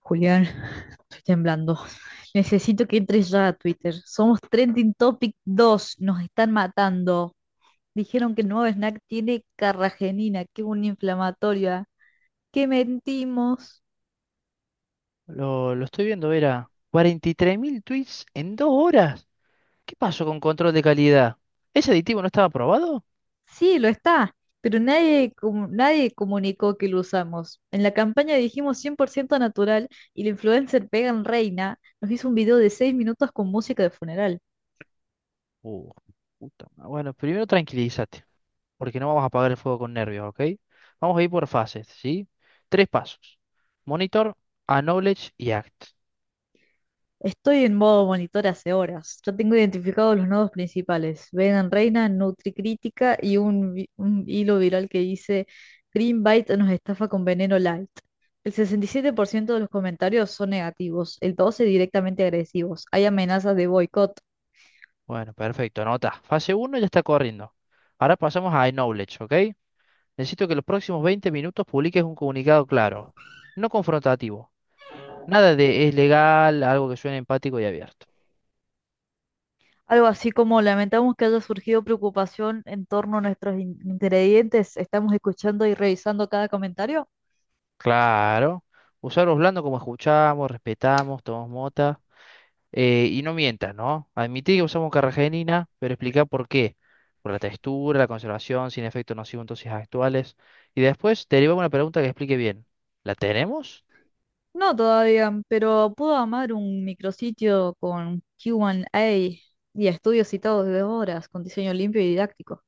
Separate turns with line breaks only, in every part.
Julián, estoy temblando. Necesito que entres ya a Twitter. Somos Trending Topic dos. Nos están matando. Dijeron que el nuevo snack tiene carragenina, que es una inflamatoria. ¡Qué mentimos!
Lo estoy viendo, era Vera. Mil tweets en dos horas. ¿Qué pasó con control de calidad? ¿Ese aditivo no estaba aprobado?
Sí, lo está, pero nadie comunicó que lo usamos. En la campaña dijimos 100% natural y la influencer Pegan Reina nos hizo un video de 6 minutos con música de funeral.
Uh, Bueno, primero tranquilízate, porque no vamos a apagar el fuego con nervios, ¿ok? Vamos a ir por fases, ¿sí? Tres pasos. Monitor, Acknowledge y Act.
Estoy en modo monitor hace horas. Ya tengo identificados los nodos principales. Venom Reina, NutriCrítica y un hilo viral que dice Greenbite nos estafa con veneno light. El 67% de los comentarios son negativos, el 12% directamente agresivos. Hay amenazas de boicot.
Bueno, perfecto, anota. Fase uno ya está corriendo. Ahora pasamos a Acknowledge, ¿ok? Necesito que los próximos 20 minutos publiques un comunicado claro, no confrontativo. Nada de es legal, algo que suene empático y abierto.
Algo así como lamentamos que haya surgido preocupación en torno a nuestros ingredientes. Estamos escuchando y revisando cada comentario.
Claro. Usarlos blando como escuchamos, respetamos, tomamos mota. Y no mientas, ¿no? Admití que usamos carragenina, pero explica por qué. Por la textura, la conservación, sin efecto nocivo en dosis actuales. Y después derivamos una pregunta que explique bien. ¿La tenemos?
No todavía, pero puedo amar un micrositio con Q1A y estudios citados de horas con diseño limpio y didáctico.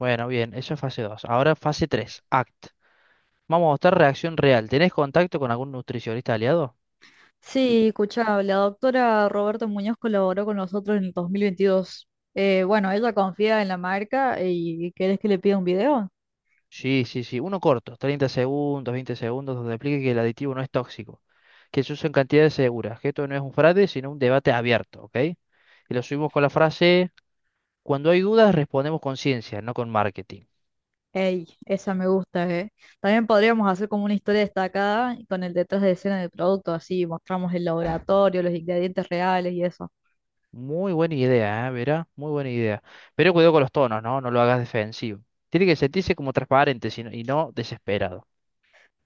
Bueno, bien, eso es fase 2. Ahora fase 3. ACT. Vamos a mostrar reacción real. ¿Tenés contacto con algún nutricionista aliado?
Sí, escuchá, la doctora Roberta Muñoz colaboró con nosotros en el 2022. Bueno, ella confía en la marca. Y ¿querés que le pida un video?
Sí, sí, sí. Uno corto, 30 segundos, 20 segundos, donde explique que el aditivo no es tóxico, que se usa en cantidades seguras, que esto no es un fraude, sino un debate abierto, ¿ok? Y lo subimos con la frase, cuando hay dudas respondemos con ciencia, no con marketing.
Ey, esa me gusta, ¿eh? También podríamos hacer como una historia destacada con el detrás de escena del producto, así mostramos el laboratorio, los ingredientes reales y eso.
Muy buena idea, ¿eh? Verá, muy buena idea. Pero cuidado con los tonos, ¿no? No lo hagas defensivo. Tiene que sentirse como transparente y no desesperado.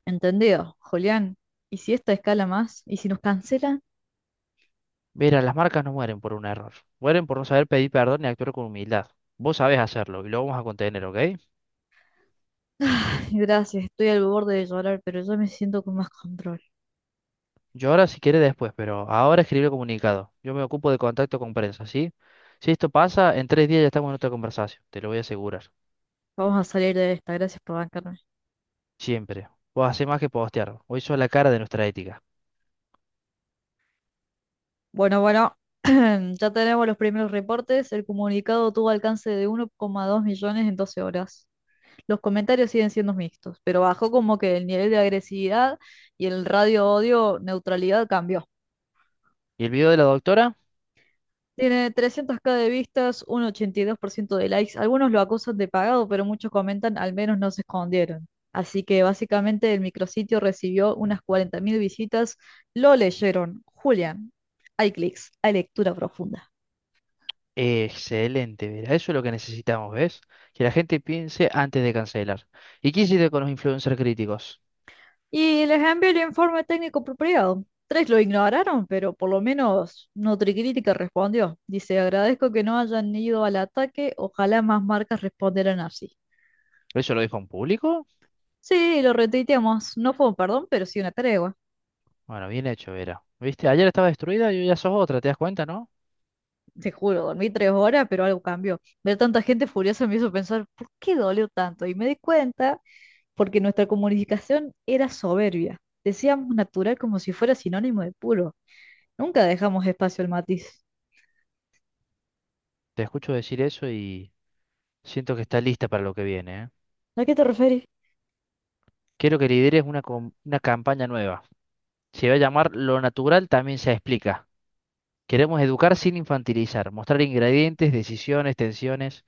¿Entendido, Julián? ¿Y si esta escala más? ¿Y si nos cancelan?
Verá, las marcas no mueren por un error, mueren por no saber pedir perdón y actuar con humildad. Vos sabés hacerlo y lo vamos a contener, ¿ok?
Ay, gracias, estoy al borde de llorar, pero yo me siento con más control.
Yo ahora si quiere después, pero ahora escribir el comunicado. Yo me ocupo de contacto con prensa, ¿sí? Si esto pasa, en tres días ya estamos en otra conversación, te lo voy a asegurar.
Vamos a salir de esta, gracias por bancarme.
Siempre. Vos hacés más que postear. Hoy sos la cara de nuestra ética.
Bueno, bueno, ya tenemos los primeros reportes. El comunicado tuvo alcance de 1,2 millones en 12 horas. Los comentarios siguen siendo mixtos, pero bajó como que el nivel de agresividad y el radio odio neutralidad cambió.
¿Y el video de la doctora?
Tiene 300K de vistas, un 82% de likes. Algunos lo acusan de pagado, pero muchos comentan al menos no se escondieron. Así que básicamente el micrositio recibió unas 40.000 visitas. Lo leyeron. Julián, hay clics, hay lectura profunda.
Excelente, Vera. Eso es lo que necesitamos, ¿ves? Que la gente piense antes de cancelar. ¿Y qué hiciste con los influencers críticos?
Y les envié el informe técnico apropiado. Tres lo ignoraron, pero por lo menos Nutricrítica respondió. Dice, agradezco que no hayan ido al ataque, ojalá más marcas respondieran así.
¿Eso lo dijo en público?
Sí, lo retuiteamos. No fue un perdón, pero sí una tregua.
Bueno, bien hecho, Vera. ¿Viste? Ayer estaba destruida y hoy ya sos otra, ¿te das cuenta, no?
Te juro, dormí 3 horas, pero algo cambió. Ver tanta gente furiosa me hizo pensar, ¿por qué dolió tanto? Y me di cuenta porque nuestra comunicación era soberbia. Decíamos natural como si fuera sinónimo de puro. Nunca dejamos espacio al matiz.
Te escucho decir eso y siento que está lista para lo que viene, ¿eh?
¿A qué te referís?
Quiero que lideres una campaña nueva. Se va a llamar Lo natural también se explica. Queremos educar sin infantilizar, mostrar ingredientes, decisiones, tensiones,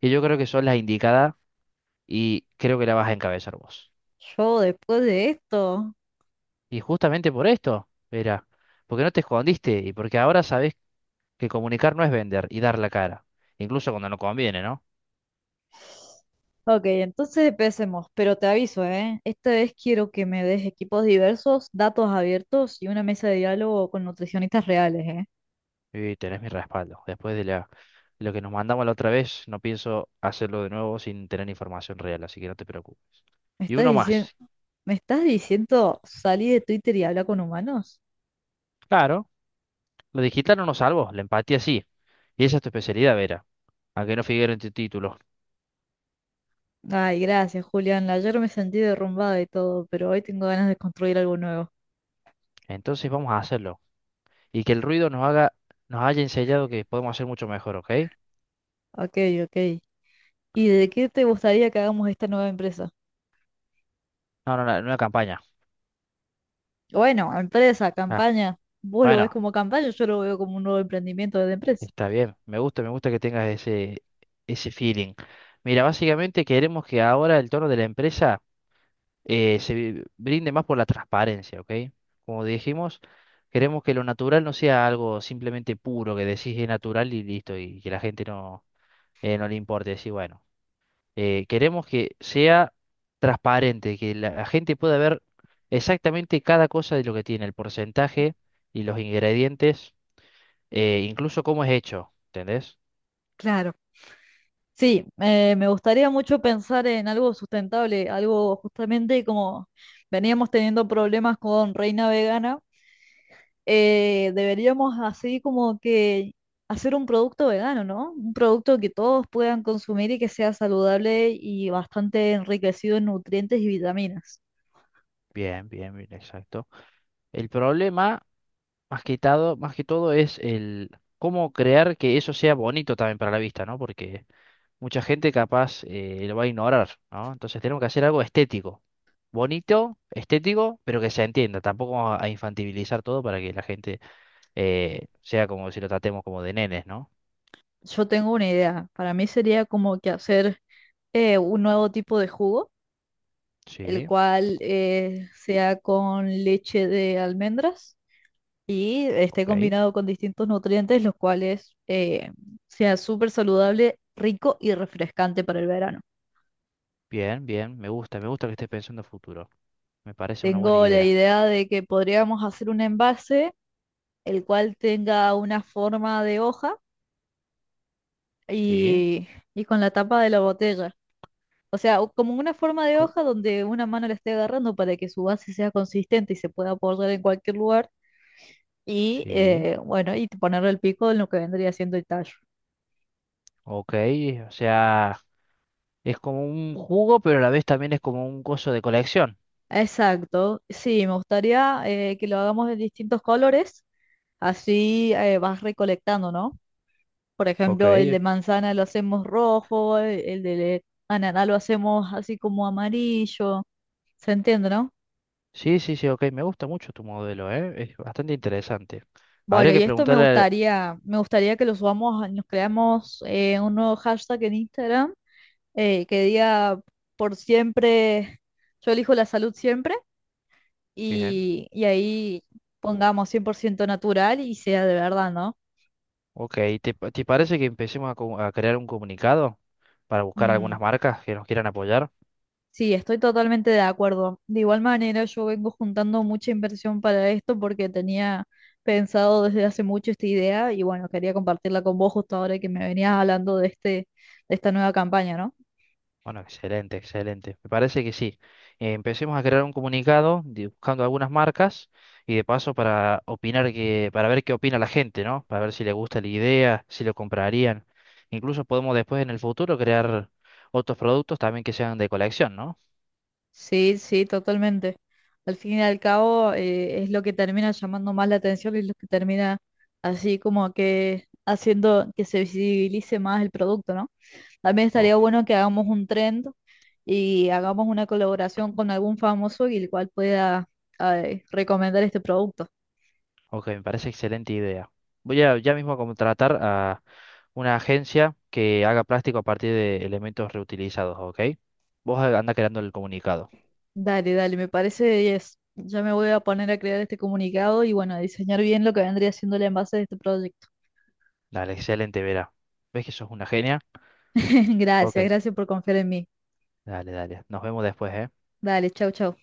y yo creo que son las indicadas y creo que la vas a encabezar vos.
Yo después de esto.
Y justamente por esto, Vera, porque no te escondiste y porque ahora sabés que comunicar no es vender y dar la cara, incluso cuando no conviene, ¿no?
Ok, entonces empecemos, pero te aviso, ¿eh? Esta vez quiero que me des equipos diversos, datos abiertos y una mesa de diálogo con nutricionistas reales, ¿eh?
Y tenés mi respaldo. Después de lo que nos mandamos la otra vez, no pienso hacerlo de nuevo sin tener información real, así que no te preocupes.
¿Me
Y
estás
uno
diciendo,
más,
salí de Twitter y habla con humanos?
claro, lo digital no nos salvó, la empatía sí. Y esa es tu especialidad, Vera, a que no figure en tu título.
Ay, gracias, Julián. Ayer me sentí derrumbada y todo, pero hoy tengo ganas de construir algo nuevo.
Entonces vamos a hacerlo. Y que el ruido nos haga, Nos haya enseñado que podemos hacer mucho mejor, ¿ok?
Ok, ok. ¿Y de qué te gustaría que hagamos esta nueva empresa?
No, no, no, en una campaña.
Bueno, empresa,
Ah,
campaña. Vos lo ves
bueno,
como campaña, yo lo veo como un nuevo emprendimiento de empresa.
está bien. Me gusta, que tengas ese feeling. Mira, básicamente queremos que ahora el tono de la empresa brinde más por la transparencia, ¿ok? Como dijimos, queremos que lo natural no sea algo simplemente puro, que decís es natural y listo, y que la gente no no le importe decir, bueno, queremos que sea transparente, que la gente pueda ver exactamente cada cosa de lo que tiene, el porcentaje y los ingredientes, incluso cómo es hecho, ¿entendés?
Claro. Sí, me gustaría mucho pensar en algo sustentable, algo justamente como veníamos teniendo problemas con Reina Vegana. Deberíamos así como que hacer un producto vegano, ¿no? Un producto que todos puedan consumir y que sea saludable y bastante enriquecido en nutrientes y vitaminas.
Bien, bien, bien, exacto. El problema, más que todo es el cómo crear que eso sea bonito también para la vista, ¿no? Porque mucha gente capaz lo va a ignorar, ¿no? Entonces tenemos que hacer algo estético, bonito, estético, pero que se entienda. Tampoco vamos a infantilizar todo para que la gente sea como si lo tratemos como de nenes, ¿no?
Yo tengo una idea. Para mí sería como que hacer un nuevo tipo de jugo, el
Sí,
cual sea con leche de almendras y esté
ok.
combinado con distintos nutrientes, los cuales sea súper saludable, rico y refrescante para el verano.
Bien, bien, me gusta, que estés pensando en futuro. Me parece una buena
Tengo la
idea.
idea de que podríamos hacer un envase el cual tenga una forma de hoja
Sí,
y, y con la tapa de la botella. O sea, como una forma de
co-
hoja donde una mano la esté agarrando para que su base sea consistente y se pueda apoyar en cualquier lugar. Y
sí,
bueno, y ponerle el pico en lo que vendría siendo el tallo.
ok. O sea, es como un jugo, pero a la vez también es como un coso de colección.
Exacto, sí, me gustaría que lo hagamos de distintos colores, así vas recolectando, ¿no? Por
Ok.
ejemplo, el de manzana lo hacemos rojo, el de ananá lo hacemos así como amarillo. ¿Se entiende, no?
Sí, sí, sí, ok, me gusta mucho tu modelo, ¿eh? Es bastante interesante. Habría
Bueno, y
que
esto
preguntarle...
me gustaría que lo subamos, nos creamos un nuevo hashtag en Instagram que diga por siempre, yo elijo la salud siempre
Bien,
y ahí pongamos 100% natural y sea de verdad, ¿no?
ok, ¿te parece que empecemos a, a crear un comunicado para buscar
Mm.
algunas marcas que nos quieran apoyar?
Sí, estoy totalmente de acuerdo. De igual manera, yo vengo juntando mucha inversión para esto porque tenía pensado desde hace mucho esta idea y bueno, quería compartirla con vos justo ahora que me venías hablando de este, de esta nueva campaña, ¿no?
Bueno, excelente, excelente. Me parece que sí. Empecemos a crear un comunicado buscando algunas marcas y de paso para opinar que, para ver qué opina la gente, ¿no? Para ver si le gusta la idea, si lo comprarían. Incluso podemos después en el futuro crear otros productos también que sean de colección, ¿no?
Sí, sí, totalmente. Al fin y al cabo, es lo que termina llamando más la atención y es lo que termina así como que haciendo que se visibilice más el producto, ¿no? También estaría
Ok.
bueno que hagamos un trend y hagamos una colaboración con algún famoso y el cual pueda recomendar este producto.
Ok, me parece excelente idea. Voy a ya mismo a contratar a una agencia que haga plástico a partir de elementos reutilizados, ¿ok? Vos anda creando el comunicado.
Dale, dale, me parece 10. Ya me voy a poner a crear este comunicado y bueno, a diseñar bien lo que vendría siendo el envase de este proyecto.
Dale, excelente, Vera. ¿Ves que sos una genia? Ok,
Gracias, gracias por confiar en mí.
dale, dale. Nos vemos después, ¿eh?
Dale, chau, chau.